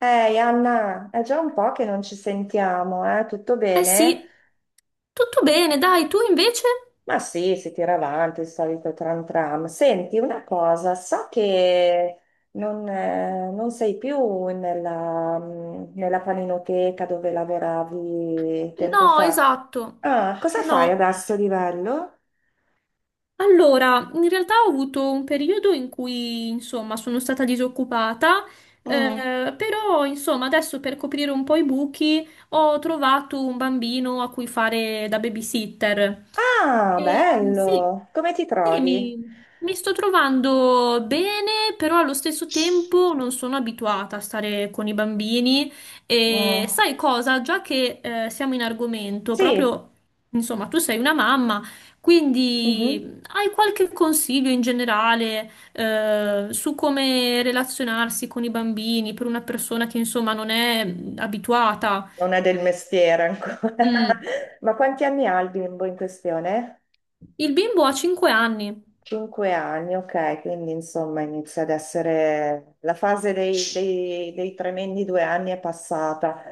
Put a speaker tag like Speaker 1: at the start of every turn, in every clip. Speaker 1: Ehi Anna, è già un po' che non ci sentiamo, eh? Tutto
Speaker 2: Eh
Speaker 1: bene?
Speaker 2: sì, tutto bene, dai, tu invece?
Speaker 1: Ma sì, si tira avanti il solito tram tram. Senti, una cosa, so che non sei più nella nella paninoteca dove lavoravi tempo
Speaker 2: No,
Speaker 1: fa.
Speaker 2: esatto.
Speaker 1: Ah, cosa fai
Speaker 2: No.
Speaker 1: adesso di bello?
Speaker 2: Allora, in realtà ho avuto un periodo in cui, insomma, sono stata disoccupata,
Speaker 1: Mm.
Speaker 2: però, insomma, adesso per coprire un po' i buchi ho trovato un bambino a cui fare da babysitter.
Speaker 1: Ah,
Speaker 2: E, sì,
Speaker 1: bello! Come ti
Speaker 2: sì,
Speaker 1: trovi?
Speaker 2: mi sto trovando bene, però allo stesso tempo non sono abituata a stare con i bambini. E
Speaker 1: Mm.
Speaker 2: sai cosa? Già che siamo in argomento,
Speaker 1: Sì.
Speaker 2: proprio, insomma, tu sei una mamma.
Speaker 1: Mhm.
Speaker 2: Quindi hai qualche consiglio in generale, su come relazionarsi con i bambini per una persona che insomma non è abituata?
Speaker 1: Non è del mestiere ancora.
Speaker 2: Mm.
Speaker 1: Ma quanti anni ha il bimbo in questione?
Speaker 2: Il bimbo ha 5 anni.
Speaker 1: Cinque anni, ok, quindi insomma inizia ad essere la fase dei tremendi due anni è passata.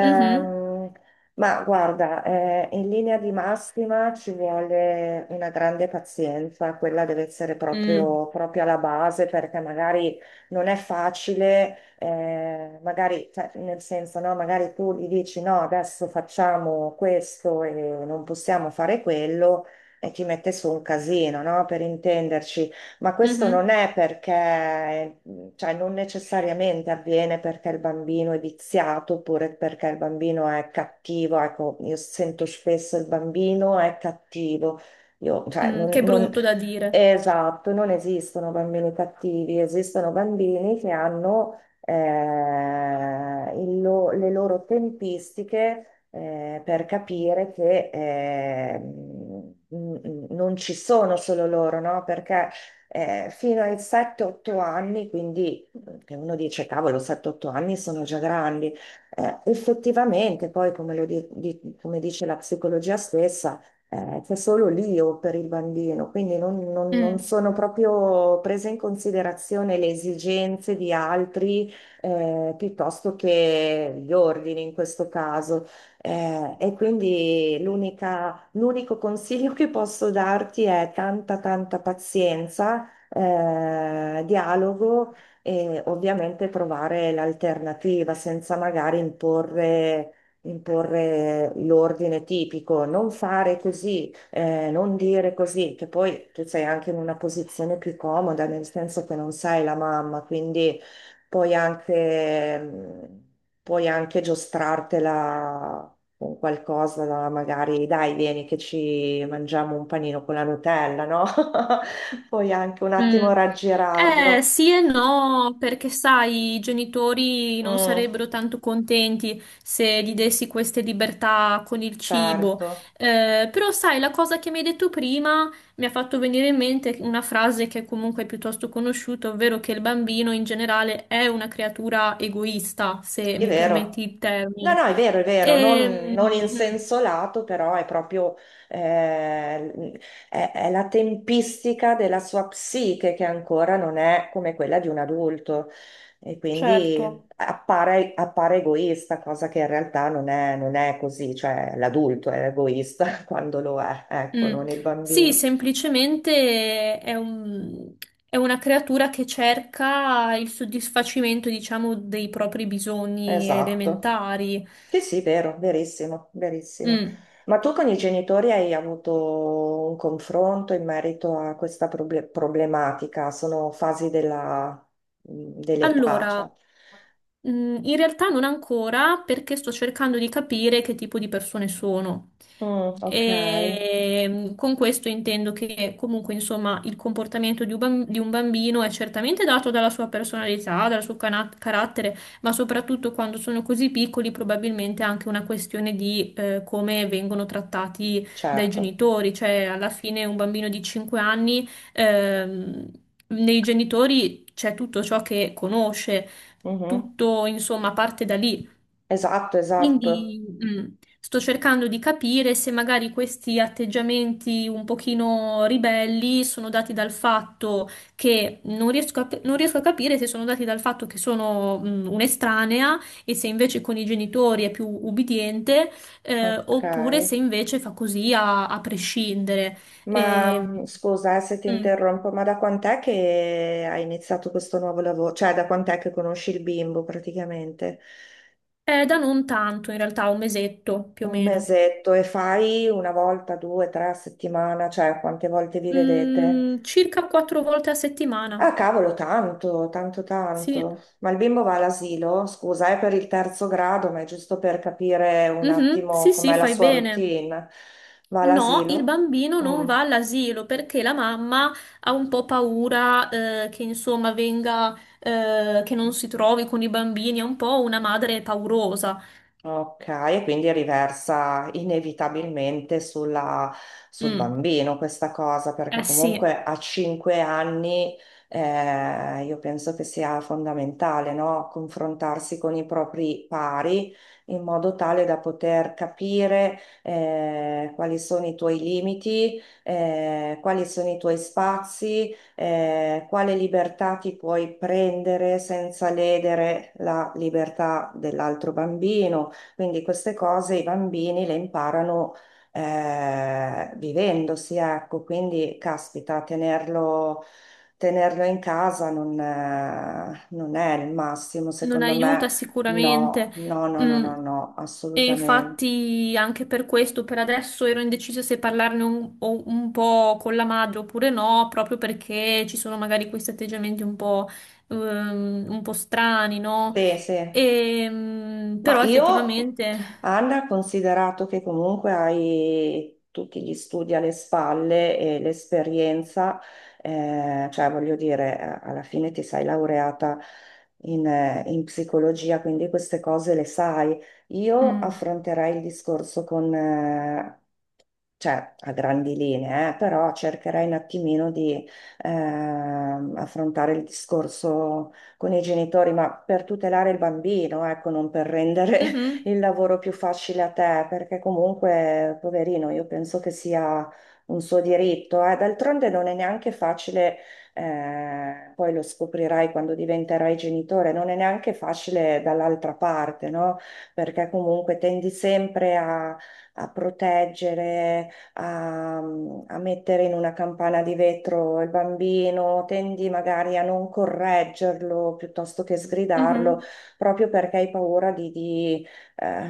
Speaker 2: Mhm.
Speaker 1: ma guarda, in linea di massima ci vuole una grande pazienza, quella deve essere
Speaker 2: Mm.
Speaker 1: proprio alla base perché magari non è facile, magari cioè, nel senso, no, magari tu gli dici no, adesso facciamo questo e non possiamo fare quello e ti mette su un casino, no? Per intenderci, ma questo non
Speaker 2: Mhm.
Speaker 1: è perché cioè non necessariamente avviene perché il bambino è viziato oppure perché il bambino è cattivo. Ecco, io sento spesso il bambino è cattivo. Io, cioè,
Speaker 2: Mm.
Speaker 1: non,
Speaker 2: Che
Speaker 1: non-
Speaker 2: brutto da dire.
Speaker 1: Esatto, non esistono bambini cattivi, esistono bambini che hanno il le loro tempistiche per capire che non ci sono solo loro, no? Perché fino ai 7-8 anni, che uno dice, cavolo, 7-8 anni sono già grandi, effettivamente poi, come, come dice la psicologia stessa, c'è solo l'io per il bambino, quindi non
Speaker 2: Mm.
Speaker 1: sono proprio prese in considerazione le esigenze di altri, piuttosto che gli ordini in questo caso. E quindi l'unico consiglio che posso darti è tanta pazienza, dialogo e ovviamente trovare l'alternativa senza magari imporre l'ordine tipico. Non fare così, non dire così, che poi tu sei anche in una posizione più comoda, nel senso che non sei la mamma, quindi puoi puoi anche giostrartela con qualcosa, magari dai, vieni che ci mangiamo un panino con la Nutella, no? Puoi anche un
Speaker 2: Mm.
Speaker 1: attimo raggirarlo.
Speaker 2: Sì e no, perché sai, i genitori non
Speaker 1: Mm,
Speaker 2: sarebbero tanto contenti se gli dessi queste libertà con il cibo.
Speaker 1: certo.
Speaker 2: Però sai, la cosa che mi hai detto prima mi ha fatto venire in mente una frase che comunque è piuttosto conosciuta, ovvero che il bambino in generale è una creatura egoista, se
Speaker 1: È
Speaker 2: mi
Speaker 1: vero.
Speaker 2: permetti il
Speaker 1: No,
Speaker 2: termine.
Speaker 1: no, è vero, non,
Speaker 2: Ehm,
Speaker 1: non in
Speaker 2: mm,
Speaker 1: senso lato, però è proprio eh, è la tempistica della sua psiche che ancora non è come quella di un adulto e quindi
Speaker 2: certo.
Speaker 1: appare egoista, cosa che in realtà non è così, cioè l'adulto è egoista quando lo è, ecco,
Speaker 2: Mm.
Speaker 1: non il
Speaker 2: Sì,
Speaker 1: bambino.
Speaker 2: semplicemente è una creatura che cerca il soddisfacimento, diciamo, dei propri bisogni
Speaker 1: Esatto.
Speaker 2: elementari.
Speaker 1: Sì, sì, vero, verissimo, verissimo.
Speaker 2: Mm.
Speaker 1: Ma tu con i genitori hai avuto un confronto in merito a questa problematica? Sono fasi dell'età,
Speaker 2: Allora,
Speaker 1: cioè.
Speaker 2: in realtà non ancora perché sto cercando di capire che tipo di persone sono.
Speaker 1: Mm, ok,
Speaker 2: E con questo intendo che comunque, insomma, il comportamento di di un bambino è certamente dato dalla sua personalità, dal suo carattere, ma soprattutto quando sono così piccoli, probabilmente è anche una questione di come vengono trattati dai
Speaker 1: certo.
Speaker 2: genitori. Cioè, alla fine un bambino di 5 anni, Ehm, nei genitori c'è tutto ciò che conosce,
Speaker 1: Mhm.
Speaker 2: tutto insomma parte da lì.
Speaker 1: Esatto, esatto.
Speaker 2: Quindi sto cercando di capire se magari questi atteggiamenti un pochino ribelli sono dati dal fatto che non riesco a capire se sono dati dal fatto che sono un'estranea e se invece con i genitori è più ubbidiente,
Speaker 1: Ok.
Speaker 2: oppure se invece fa così a prescindere.
Speaker 1: Ma
Speaker 2: Ehm,
Speaker 1: scusa, se ti
Speaker 2: mm.
Speaker 1: interrompo, ma da quant'è che hai iniziato questo nuovo lavoro? Cioè, da quant'è che conosci il bimbo praticamente?
Speaker 2: Da non tanto, in realtà, un mesetto più o
Speaker 1: Un
Speaker 2: meno.
Speaker 1: mesetto e fai una volta, due, tre a settimana, cioè quante volte vi vedete?
Speaker 2: Circa quattro volte a
Speaker 1: Ah,
Speaker 2: settimana.
Speaker 1: cavolo, tanto, tanto,
Speaker 2: Sì.
Speaker 1: tanto. Ma il bimbo va all'asilo? Scusa, è per il terzo grado, ma è giusto per capire un
Speaker 2: Mhm,
Speaker 1: attimo
Speaker 2: sì, sì,
Speaker 1: com'è la
Speaker 2: fai
Speaker 1: sua
Speaker 2: bene.
Speaker 1: routine. Va
Speaker 2: No, il
Speaker 1: all'asilo?
Speaker 2: bambino non
Speaker 1: Mm.
Speaker 2: va all'asilo perché la mamma ha un po' paura, che insomma venga, che non si trovi con i bambini, è un po' una madre paurosa.
Speaker 1: Ok, e quindi riversa inevitabilmente sul
Speaker 2: Mm,
Speaker 1: bambino questa cosa,
Speaker 2: eh
Speaker 1: perché
Speaker 2: sì.
Speaker 1: comunque a cinque anni, io penso che sia fondamentale, no? Confrontarsi con i propri pari in modo tale da poter capire quali sono i tuoi limiti, quali sono i tuoi spazi, quale libertà ti puoi prendere senza ledere la libertà dell'altro bambino, quindi queste cose i bambini le imparano, vivendosi, ecco, quindi caspita, tenerlo in casa non è il massimo,
Speaker 2: Non
Speaker 1: secondo me,
Speaker 2: aiuta
Speaker 1: no,
Speaker 2: sicuramente.
Speaker 1: no, no, no,
Speaker 2: Mm,
Speaker 1: no, no,
Speaker 2: E
Speaker 1: assolutamente.
Speaker 2: infatti anche per questo, per adesso ero indecisa se parlarne un po' con la madre oppure no, proprio perché ci sono magari questi atteggiamenti un po' strani, no?
Speaker 1: Sì, sì. Ma
Speaker 2: Però
Speaker 1: io,
Speaker 2: effettivamente,
Speaker 1: Anna, considerato che comunque hai tutti gli studi alle spalle e l'esperienza, cioè voglio dire, alla fine ti sei laureata in psicologia, quindi queste cose le sai. Io
Speaker 2: mm,
Speaker 1: affronterei il discorso con, cioè a grandi linee, però cercherai un attimino di affrontare il discorso con i genitori, ma per tutelare il bambino, ecco, non per rendere
Speaker 2: mhm,
Speaker 1: il lavoro più facile a te, perché comunque, poverino, io penso che sia un suo diritto, eh. D'altronde non è neanche facile, poi lo scoprirai quando diventerai genitore, non è neanche facile dall'altra parte, no? Perché comunque tendi sempre a proteggere a mettere in una campana di vetro il bambino, tendi magari a non correggerlo piuttosto che sgridarlo,
Speaker 2: mhm,
Speaker 1: proprio perché hai paura di, eh,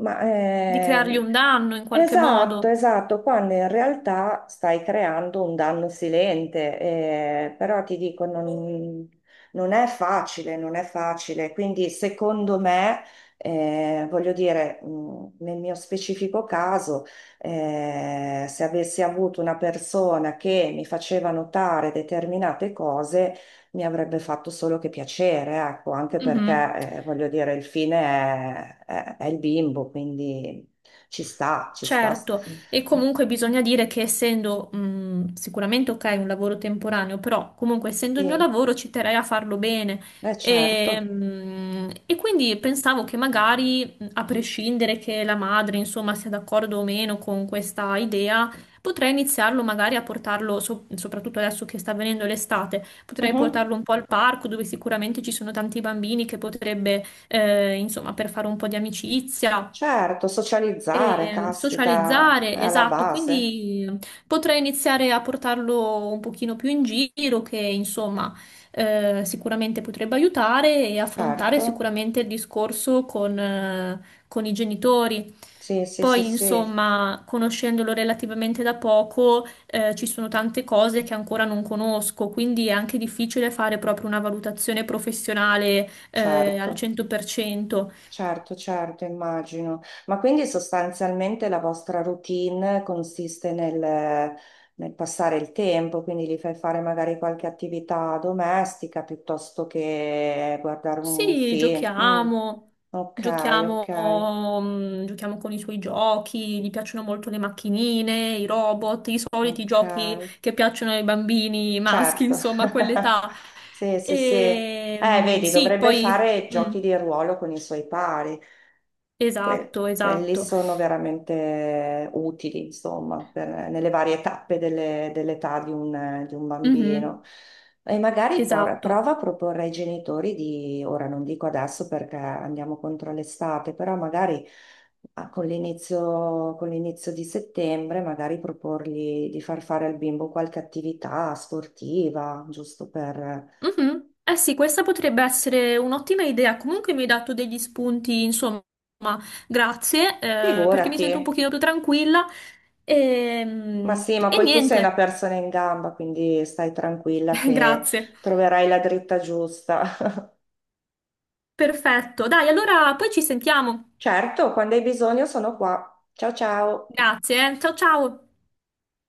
Speaker 1: ma
Speaker 2: di creargli
Speaker 1: eh,
Speaker 2: un danno in qualche
Speaker 1: Esatto,
Speaker 2: modo.
Speaker 1: esatto, quando in realtà stai creando un danno silente, però ti dico, non è facile, non è facile, quindi secondo me, voglio dire, nel mio specifico caso, se avessi avuto una persona che mi faceva notare determinate cose, mi avrebbe fatto solo che piacere, ecco, anche
Speaker 2: Mhm.
Speaker 1: perché, voglio dire, il fine è il bimbo, quindi... Ci sta, ci sta.
Speaker 2: Certo, e comunque bisogna dire che essendo sicuramente ok un lavoro temporaneo, però comunque essendo il mio
Speaker 1: Sì,
Speaker 2: lavoro ci terrei a farlo bene. E,
Speaker 1: certo.
Speaker 2: mh, e quindi pensavo che magari, a prescindere che la madre, insomma, sia d'accordo o meno con questa idea, potrei iniziarlo magari a portarlo, soprattutto adesso che sta avvenendo l'estate, potrei
Speaker 1: Mhm.
Speaker 2: portarlo un po' al parco dove sicuramente ci sono tanti bambini che potrebbe, insomma, per fare un po' di amicizia.
Speaker 1: Certo, socializzare,
Speaker 2: E
Speaker 1: caspita,
Speaker 2: socializzare,
Speaker 1: è alla
Speaker 2: esatto,
Speaker 1: base.
Speaker 2: quindi potrei iniziare a portarlo un pochino più in giro, che insomma sicuramente potrebbe aiutare e affrontare
Speaker 1: Certo.
Speaker 2: sicuramente il discorso con i genitori.
Speaker 1: Sì, sì, sì,
Speaker 2: Poi,
Speaker 1: sì,
Speaker 2: insomma, conoscendolo relativamente da poco, ci sono tante cose che ancora non conosco, quindi è anche difficile fare proprio una valutazione professionale, al
Speaker 1: certo.
Speaker 2: 100%.
Speaker 1: Certo, certo, immagino. Ma quindi sostanzialmente la vostra routine consiste nel passare il tempo, quindi gli fai fare magari qualche attività domestica piuttosto che guardare un
Speaker 2: Sì,
Speaker 1: film. Mm. Ok,
Speaker 2: giochiamo,
Speaker 1: ok.
Speaker 2: giochiamo con i suoi giochi, gli piacciono molto le macchinine, i robot, i soliti
Speaker 1: Ok,
Speaker 2: giochi che piacciono ai bambini maschi,
Speaker 1: certo.
Speaker 2: insomma, a quell'età.
Speaker 1: Sì, sì, sì.
Speaker 2: E,
Speaker 1: Vedi,
Speaker 2: sì,
Speaker 1: dovrebbe
Speaker 2: poi...
Speaker 1: fare
Speaker 2: Mm,
Speaker 1: giochi di ruolo con i suoi pari.
Speaker 2: esatto,
Speaker 1: Quelli
Speaker 2: esatto.
Speaker 1: sono veramente utili, insomma, nelle varie tappe dell'età di di un bambino.
Speaker 2: Mhm,
Speaker 1: E magari
Speaker 2: esatto.
Speaker 1: prova a proporre ai genitori di, ora non dico adesso perché andiamo contro l'estate, però magari ah, con l'inizio di settembre, magari proporgli di far fare al bimbo qualche attività sportiva, giusto per...
Speaker 2: Mhm. Eh sì, questa potrebbe essere un'ottima idea. Comunque mi hai dato degli spunti, insomma, grazie, perché mi
Speaker 1: Figurati,
Speaker 2: sento un pochino più tranquilla.
Speaker 1: ma sì, ma
Speaker 2: E,
Speaker 1: poi tu sei una
Speaker 2: niente,
Speaker 1: persona in gamba, quindi stai tranquilla che
Speaker 2: grazie.
Speaker 1: troverai la dritta giusta.
Speaker 2: Perfetto. Dai, allora poi ci sentiamo.
Speaker 1: Certo, quando hai bisogno sono qua. Ciao ciao.
Speaker 2: Grazie, eh. Ciao ciao.